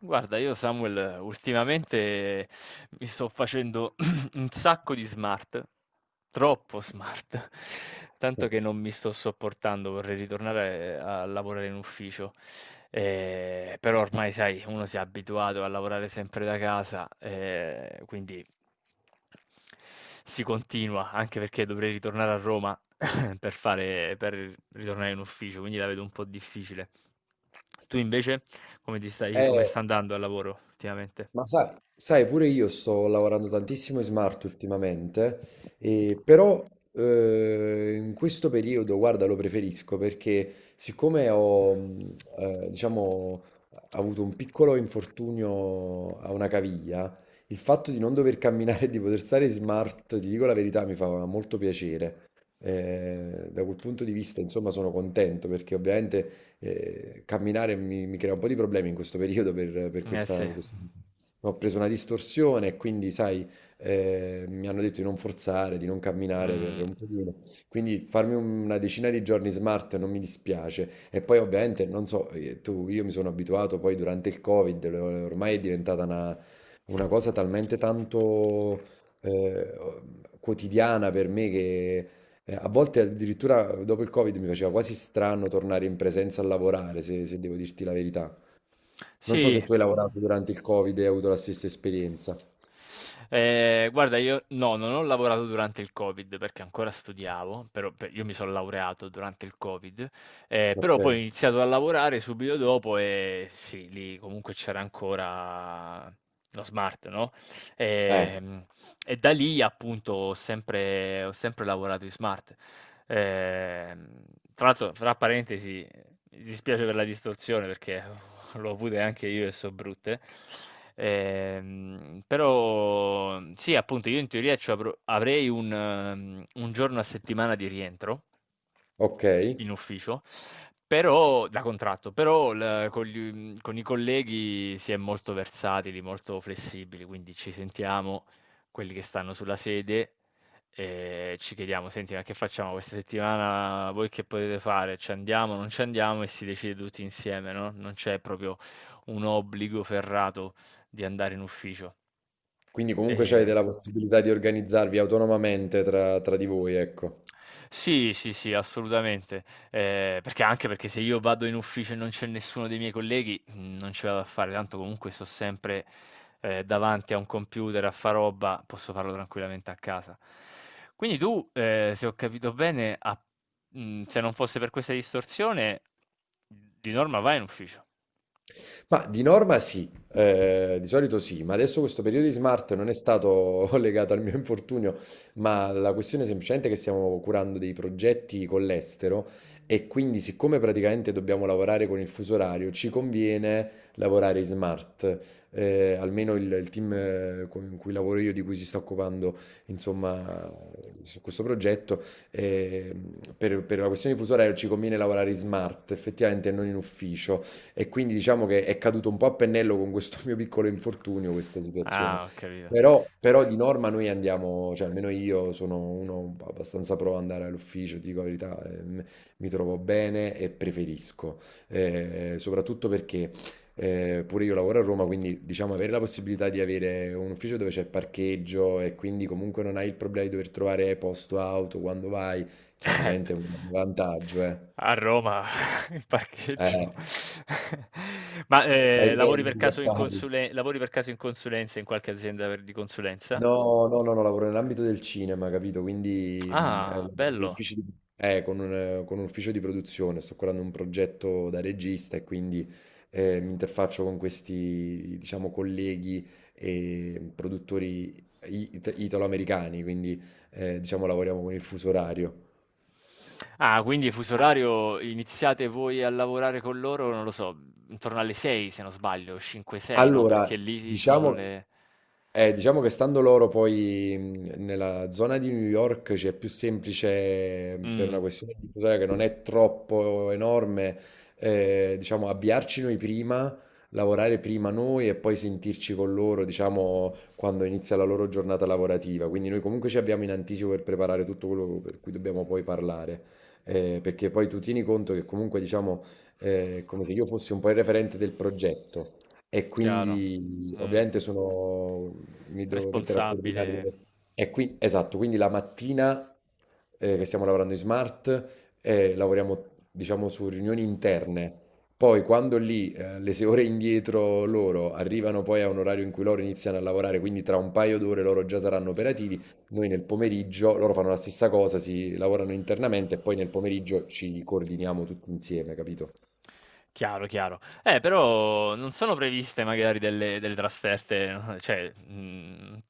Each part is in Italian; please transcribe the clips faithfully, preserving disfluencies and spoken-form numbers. Guarda, io Samuel ultimamente mi sto facendo un sacco di smart, troppo smart, tanto che non mi sto sopportando, vorrei ritornare eh, a lavorare in ufficio. Eh, però ormai, sai, uno si è abituato a lavorare sempre da casa, eh, quindi si continua, anche perché dovrei ritornare a Roma per fare, per ritornare in ufficio, quindi la vedo un po' difficile. Tu invece? Come ti stai come Eh. sta andando al lavoro ultimamente? Ma sai, sai, pure io sto lavorando tantissimo in smart ultimamente, e però eh, in questo periodo, guarda, lo preferisco perché siccome ho, mh, eh, diciamo, avuto un piccolo infortunio a una caviglia, il fatto di non dover camminare e di poter stare in smart, ti dico la verità, mi fa molto piacere. Eh, da quel punto di vista, insomma, sono contento perché ovviamente eh, camminare mi, mi crea un po' di problemi in questo periodo per, per Eh questa... sì. per questo- ho preso una distorsione e quindi, sai, eh, mi hanno detto di non forzare, di non camminare per Mhmm, un pochino. Quindi farmi un- una decina di giorni smart non mi dispiace. E poi ovviamente, non so, eh, tu, io mi sono abituato poi durante il Covid, lo- ormai è diventata una, una cosa talmente tanto eh, quotidiana per me che... eh, A volte addirittura dopo il Covid mi faceva quasi strano tornare in presenza a lavorare, se se devo dirti la verità. Non so sì. se tu hai lavorato durante il Covid e hai avuto la stessa esperienza. Ehm, guarda io no, non ho lavorato durante il Covid perché ancora studiavo, però pe io mi son laureato durante il Covid, ehm, Ok. però poi ho iniziato a lavorare subito dopo e sì, lì comunque c'era ancora lo smart, no, Eh, ehm, e da lì appunto ho sempre ho sempre lavorato in smart. Ehm, Tra l'altro fra parentesi, mi dispiace per la distorsione perché l'ho avute anche io e so brutte. Ehm, però sì, appunto, io in teoria ci avrò- avrei un, ehm, un giorno a settimana di rientro ok. in ufficio, però da contratto, però il- con, gli- con i colleghi si è molto versatili, molto flessibili, quindi ci sentiamo quelli che stanno sulla sede e ci chiediamo: "Senti, ma che facciamo questa settimana? Voi che potete fare? Ci andiamo, non ci andiamo?" E si decide tutti insieme, no, non c'è proprio un obbligo ferrato di andare in ufficio. Quindi comunque avete Ehm la possibilità di organizzarvi autonomamente tra, tra di voi, ecco. sì, sì, sì, assolutamente. Ehm, perché Anche perché se io vado in ufficio e non c'è nessuno dei miei colleghi, mhmm, non ce la vado a fare, tanto comunque sto sempre, ehm, davanti a un computer a fa roba, posso farlo tranquillamente a casa. Quindi tu, ehm, se ho capito bene, a mhmm, se non fosse per questa distorsione, di norma vai in ufficio. Ma di norma sì, eh, di solito sì, ma adesso questo periodo di smart non è stato legato al mio infortunio, ma la questione è semplicemente che stiamo curando dei progetti con l'estero e quindi siccome praticamente dobbiamo lavorare con il fuso orario, ci conviene lavorare in smart. Eh, almeno il, il team eh, con- in cui lavoro io, di cui si sta occupando, insomma, su questo progetto, eh, per, per la questione di fuso orario ci conviene lavorare in smart, effettivamente, e non in ufficio. E quindi diciamo che è caduto un po' a pennello con questo mio piccolo infortunio, questa situazione. Ah, ho capito. Però, però di norma noi andiamo, cioè almeno io sono uno abbastanza pro ad andare all'ufficio, ti dico la verità, ehm, mi trovo bene e preferisco, Eh, soprattutto perché eh, pure io lavoro a Roma, quindi diciamo avere la possibilità di avere un ufficio dove c'è parcheggio e quindi comunque non hai il problema di dover trovare posto auto quando vai, Eh, p chiaramente è un vantaggio, eh. A Roma, in parcheggio. Eh, Ma, ehm, sai lavori bene per di che caso in parli. consule lavori per caso in consulenza, in qualche azienda per di consulenza? No, no, no, no, lavoro nell'ambito del cinema, capito? Quindi mh, eh, Ah, lavoro negli bello. uffici di- eh, con un, eh, con un ufficio di produzione, sto curando un progetto da regista e quindi eh, mi interfaccio con questi, diciamo, colleghi e produttori it- italo-americani, quindi eh, diciamo lavoriamo con il fuso orario. Ah, quindi fuso orario iniziate voi a lavorare con loro, non lo so, mhmm, intorno alle sei se non sbaglio, cinque, sei, no, perché Allora, lì sono diciamo, le Eh, diciamo che stando loro poi mh, nella zona di New York c'è più semplice mh, per Mh. una questione di tutela che non è troppo enorme, eh, diciamo avviarci noi prima, lavorare prima noi e poi sentirci con loro, diciamo, quando inizia la loro giornata lavorativa. Quindi noi comunque ci abbiamo in anticipo per preparare tutto quello per cui dobbiamo poi parlare. Eh, perché poi tu tieni conto che comunque, diciamo, eh, è come se io fossi un po' il referente del progetto. E Chiaro. quindi Mh. ovviamente sono mi devo mettere a coordinare Responsabile. delle... E qui, esatto, quindi la mattina eh, che stiamo lavorando in smart, eh, lavoriamo diciamo su riunioni interne. Poi quando lì eh, le sei ore indietro loro arrivano poi a un orario in cui loro iniziano a lavorare, quindi tra un paio d'ore loro già saranno operativi, noi nel pomeriggio, loro fanno la stessa cosa, si lavorano internamente e poi nel pomeriggio ci coordiniamo tutti insieme, capito? Chiaro, chiaro. Eh, però non sono previste magari delle, delle trasferte, no, cioè, mh,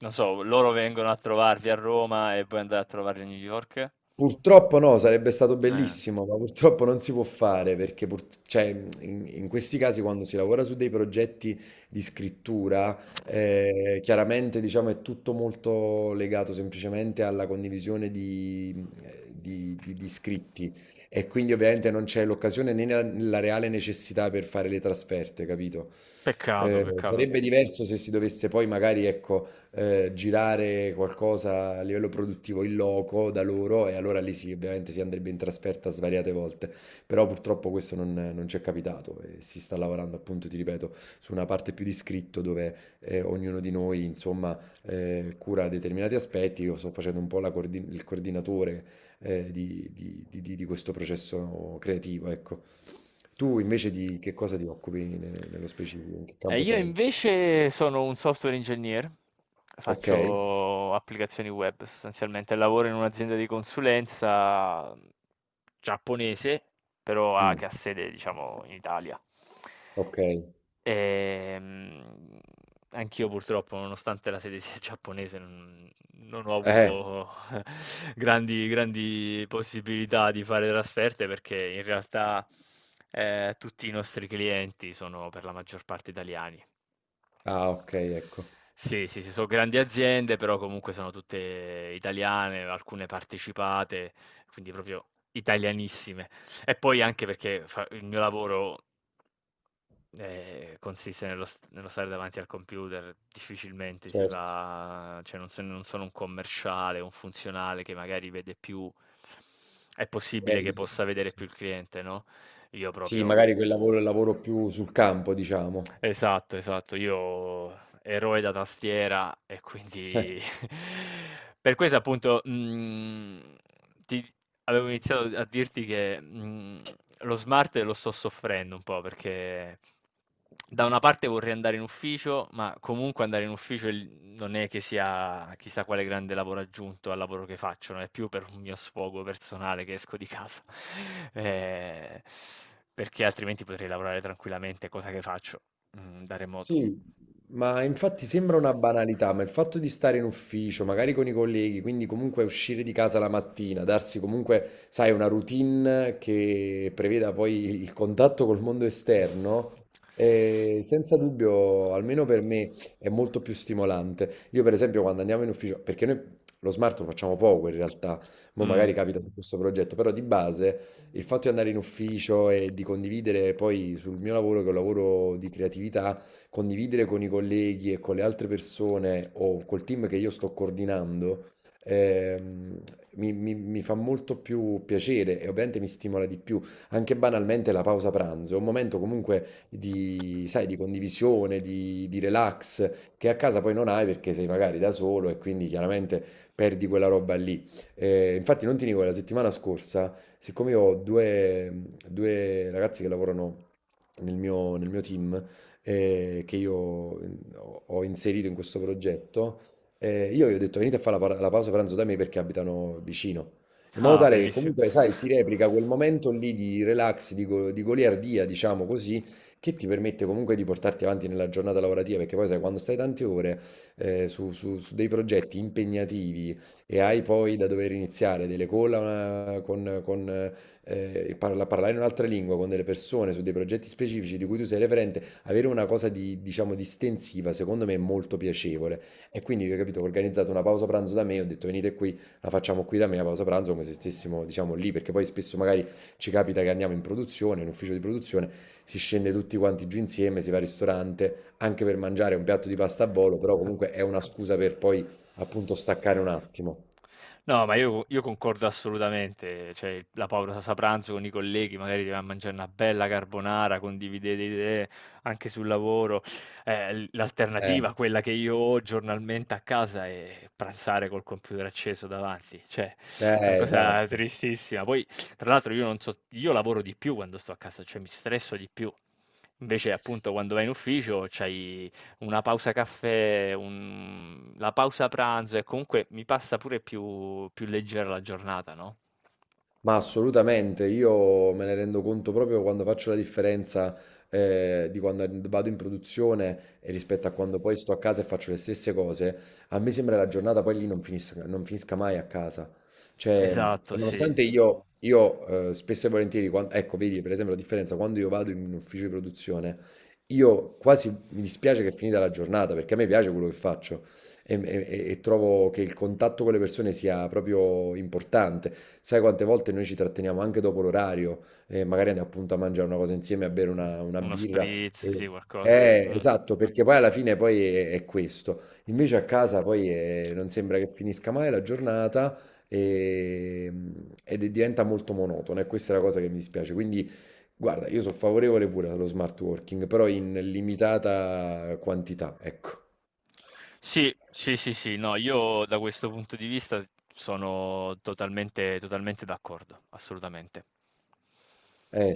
non so, loro vengono a trovarvi a Roma e poi andate a trovarli a New York? Purtroppo no, sarebbe stato Eh, bellissimo, ma purtroppo non si può fare perché pur- cioè, in, in questi casi quando si lavora su dei progetti di scrittura, eh, chiaramente diciamo, è tutto molto legato semplicemente alla condivisione di, eh, di- di- di scritti e quindi ovviamente non c'è l'occasione né la, la reale necessità per fare le trasferte, capito? peccato, Eh, peccato. sarebbe diverso se si dovesse poi magari, ecco eh, girare qualcosa a livello produttivo in loco da loro e allora lì sì, ovviamente si andrebbe in trasferta svariate volte, però purtroppo questo non, non ci è capitato e si sta lavorando appunto, ti ripeto, su una parte più di scritto dove eh, ognuno di noi insomma eh, cura determinati aspetti, io sto facendo un po' la coordin- il coordinatore eh, di, di- di- di- di questo processo creativo, ecco. Tu invece di che cosa ti occupi ne- nello specifico? In che Eh, campo io sei? invece sono un software engineer, Ok? faccio applicazioni web sostanzialmente, lavoro in un'azienda di consulenza giapponese, però ha- Mm, che ha sede, diciamo, in Italia. ok. Ehm, Anch'io purtroppo, nonostante la sede sia giapponese, non, non ho Eh. avuto grandi, grandi possibilità di fare trasferte perché in realtà eh, tutti i nostri clienti sono per la maggior parte italiani. Ah, okay, ecco. Sì, sì, sì, sono grandi aziende, però comunque sono tutte italiane, alcune partecipate, quindi proprio italianissime. E poi anche perché fa il mio lavoro eh, consiste nello, st- nello stare davanti al computer, difficilmente si Certo. va, cioè non, so- non sono un commerciale, un funzionale che magari vede più, è Eh. E possibile che dice possa vedere sì. più il cliente, no? Io Sì, proprio magari quel lavoro è il lavoro più sul campo, diciamo. esatto, esatto. Io eroe da tastiera e Eh. quindi per questo appunto, mhmm, ti avevo iniziato a dirti che, mhmm, lo smart lo sto soffrendo un po' perché da una parte vorrei andare in ufficio, ma comunque andare in ufficio il non è che sia chissà quale grande lavoro aggiunto al lavoro che faccio, no, è più per un mio sfogo personale che esco di casa, ehm, perché altrimenti potrei lavorare tranquillamente, cosa che faccio. Mhmm, da remoto. Sì, ma infatti sembra una banalità, ma il fatto di stare in ufficio, magari con i colleghi, quindi comunque uscire di casa la mattina, darsi comunque, sai, una routine che preveda poi il contatto col mondo esterno, eh, senza dubbio, almeno per me, è molto più stimolante. Io per esempio quando andiamo in ufficio, perché noi lo smart lo facciamo poco in realtà, mo Mh. magari capita su questo progetto, però di base il fatto di andare in ufficio e di condividere poi sul mio lavoro, che è un lavoro di creatività, condividere con i colleghi e con le altre persone o col team che io sto coordinando, ehm, mi, mi- mi fa molto più piacere e ovviamente mi stimola di più. Anche banalmente la pausa pranzo è un momento comunque di, sai, di condivisione, di, di relax, che a casa poi non hai perché sei magari da solo e quindi chiaramente perdi quella roba lì. Eh, infatti non ti dico, la settimana scorsa, siccome io ho due, due ragazzi che lavorano nel mio, nel mio team, eh, che io ho ho inserito in questo progetto, eh, io gli ho detto venite a fare la, pa- la pausa pranzo da me perché abitano vicino, in modo Ah, tale che bellissimo. comunque, sai, si replica quel momento lì di relax, di, go- di goliardia, diciamo così, che ti permette comunque di portarti avanti nella giornata lavorativa, perché poi sai, quando stai tante ore eh, su, su- su dei progetti impegnativi e hai poi da dover iniziare delle call eh, con, con, eh, parla- parlare in un'altra lingua con delle persone su dei progetti specifici di cui tu sei referente, avere una cosa di, diciamo, distensiva, secondo me è molto piacevole. E quindi, ho capito, ho organizzato una pausa pranzo da me, ho detto venite qui, la facciamo qui da me, la pausa pranzo, come se stessimo, diciamo, lì, perché poi spesso magari ci capita che andiamo in produzione, in ufficio di produzione, si scende tutti quanti giù insieme, si va al ristorante, anche per mangiare un piatto di pasta a volo, però Ad comunque è una scusa per poi, appunto, staccare un attimo. no, ma io io concordo assolutamente, cioè il la pausa pranzo con i colleghi, magari ti vai a mangiare una bella carbonara, condividete idee anche sul lavoro. Eh, l Eh, l'alternativa, quella che io ho giornalmente a casa, è pranzare col computer acceso davanti, cioè una eh, cosa esatto. tristissima. Poi, tra l'altro, io non so io lavoro di più quando sto a casa, cioè mi stresso di più. Invece, appunto, quando vai in ufficio c'hai una pausa caffè, un la pausa pranzo e comunque mi passa pure più più leggera la giornata, no. Ma assolutamente, io me ne rendo conto proprio quando faccio la differenza eh, di quando vado in produzione e rispetto a quando poi sto a casa e faccio le stesse cose. A me sembra la giornata poi lì non finisca, non finisca mai a casa. Cioè, Esatto, e sì. Eh, nonostante io, io eh, spesso e volentieri, quan- ecco, vedi per esempio la differenza, quando io vado in un ufficio di produzione, io quasi mi dispiace che è finita la giornata perché a me piace quello che faccio. E, e- e trovo che il contatto con le persone sia proprio importante. Sai quante volte noi ci tratteniamo anche dopo l'orario, eh, magari andiamo appunto a mangiare una cosa insieme, a bere una, una uno birra. spritz, e- sì, qualcosa. Eh, Mh. esatto, perché poi alla fine poi è, è questo. Invece a casa poi è- non sembra che finisca mai la giornata e- ed è- diventa molto monotona e questa è la cosa che mi dispiace. Quindi guarda, io sono favorevole pure allo smart working, però in limitata quantità, ecco. Sì, sì, sì, sì, no, io da questo punto di vista sono totalmente totalmente d'accordo, assolutamente. Eh,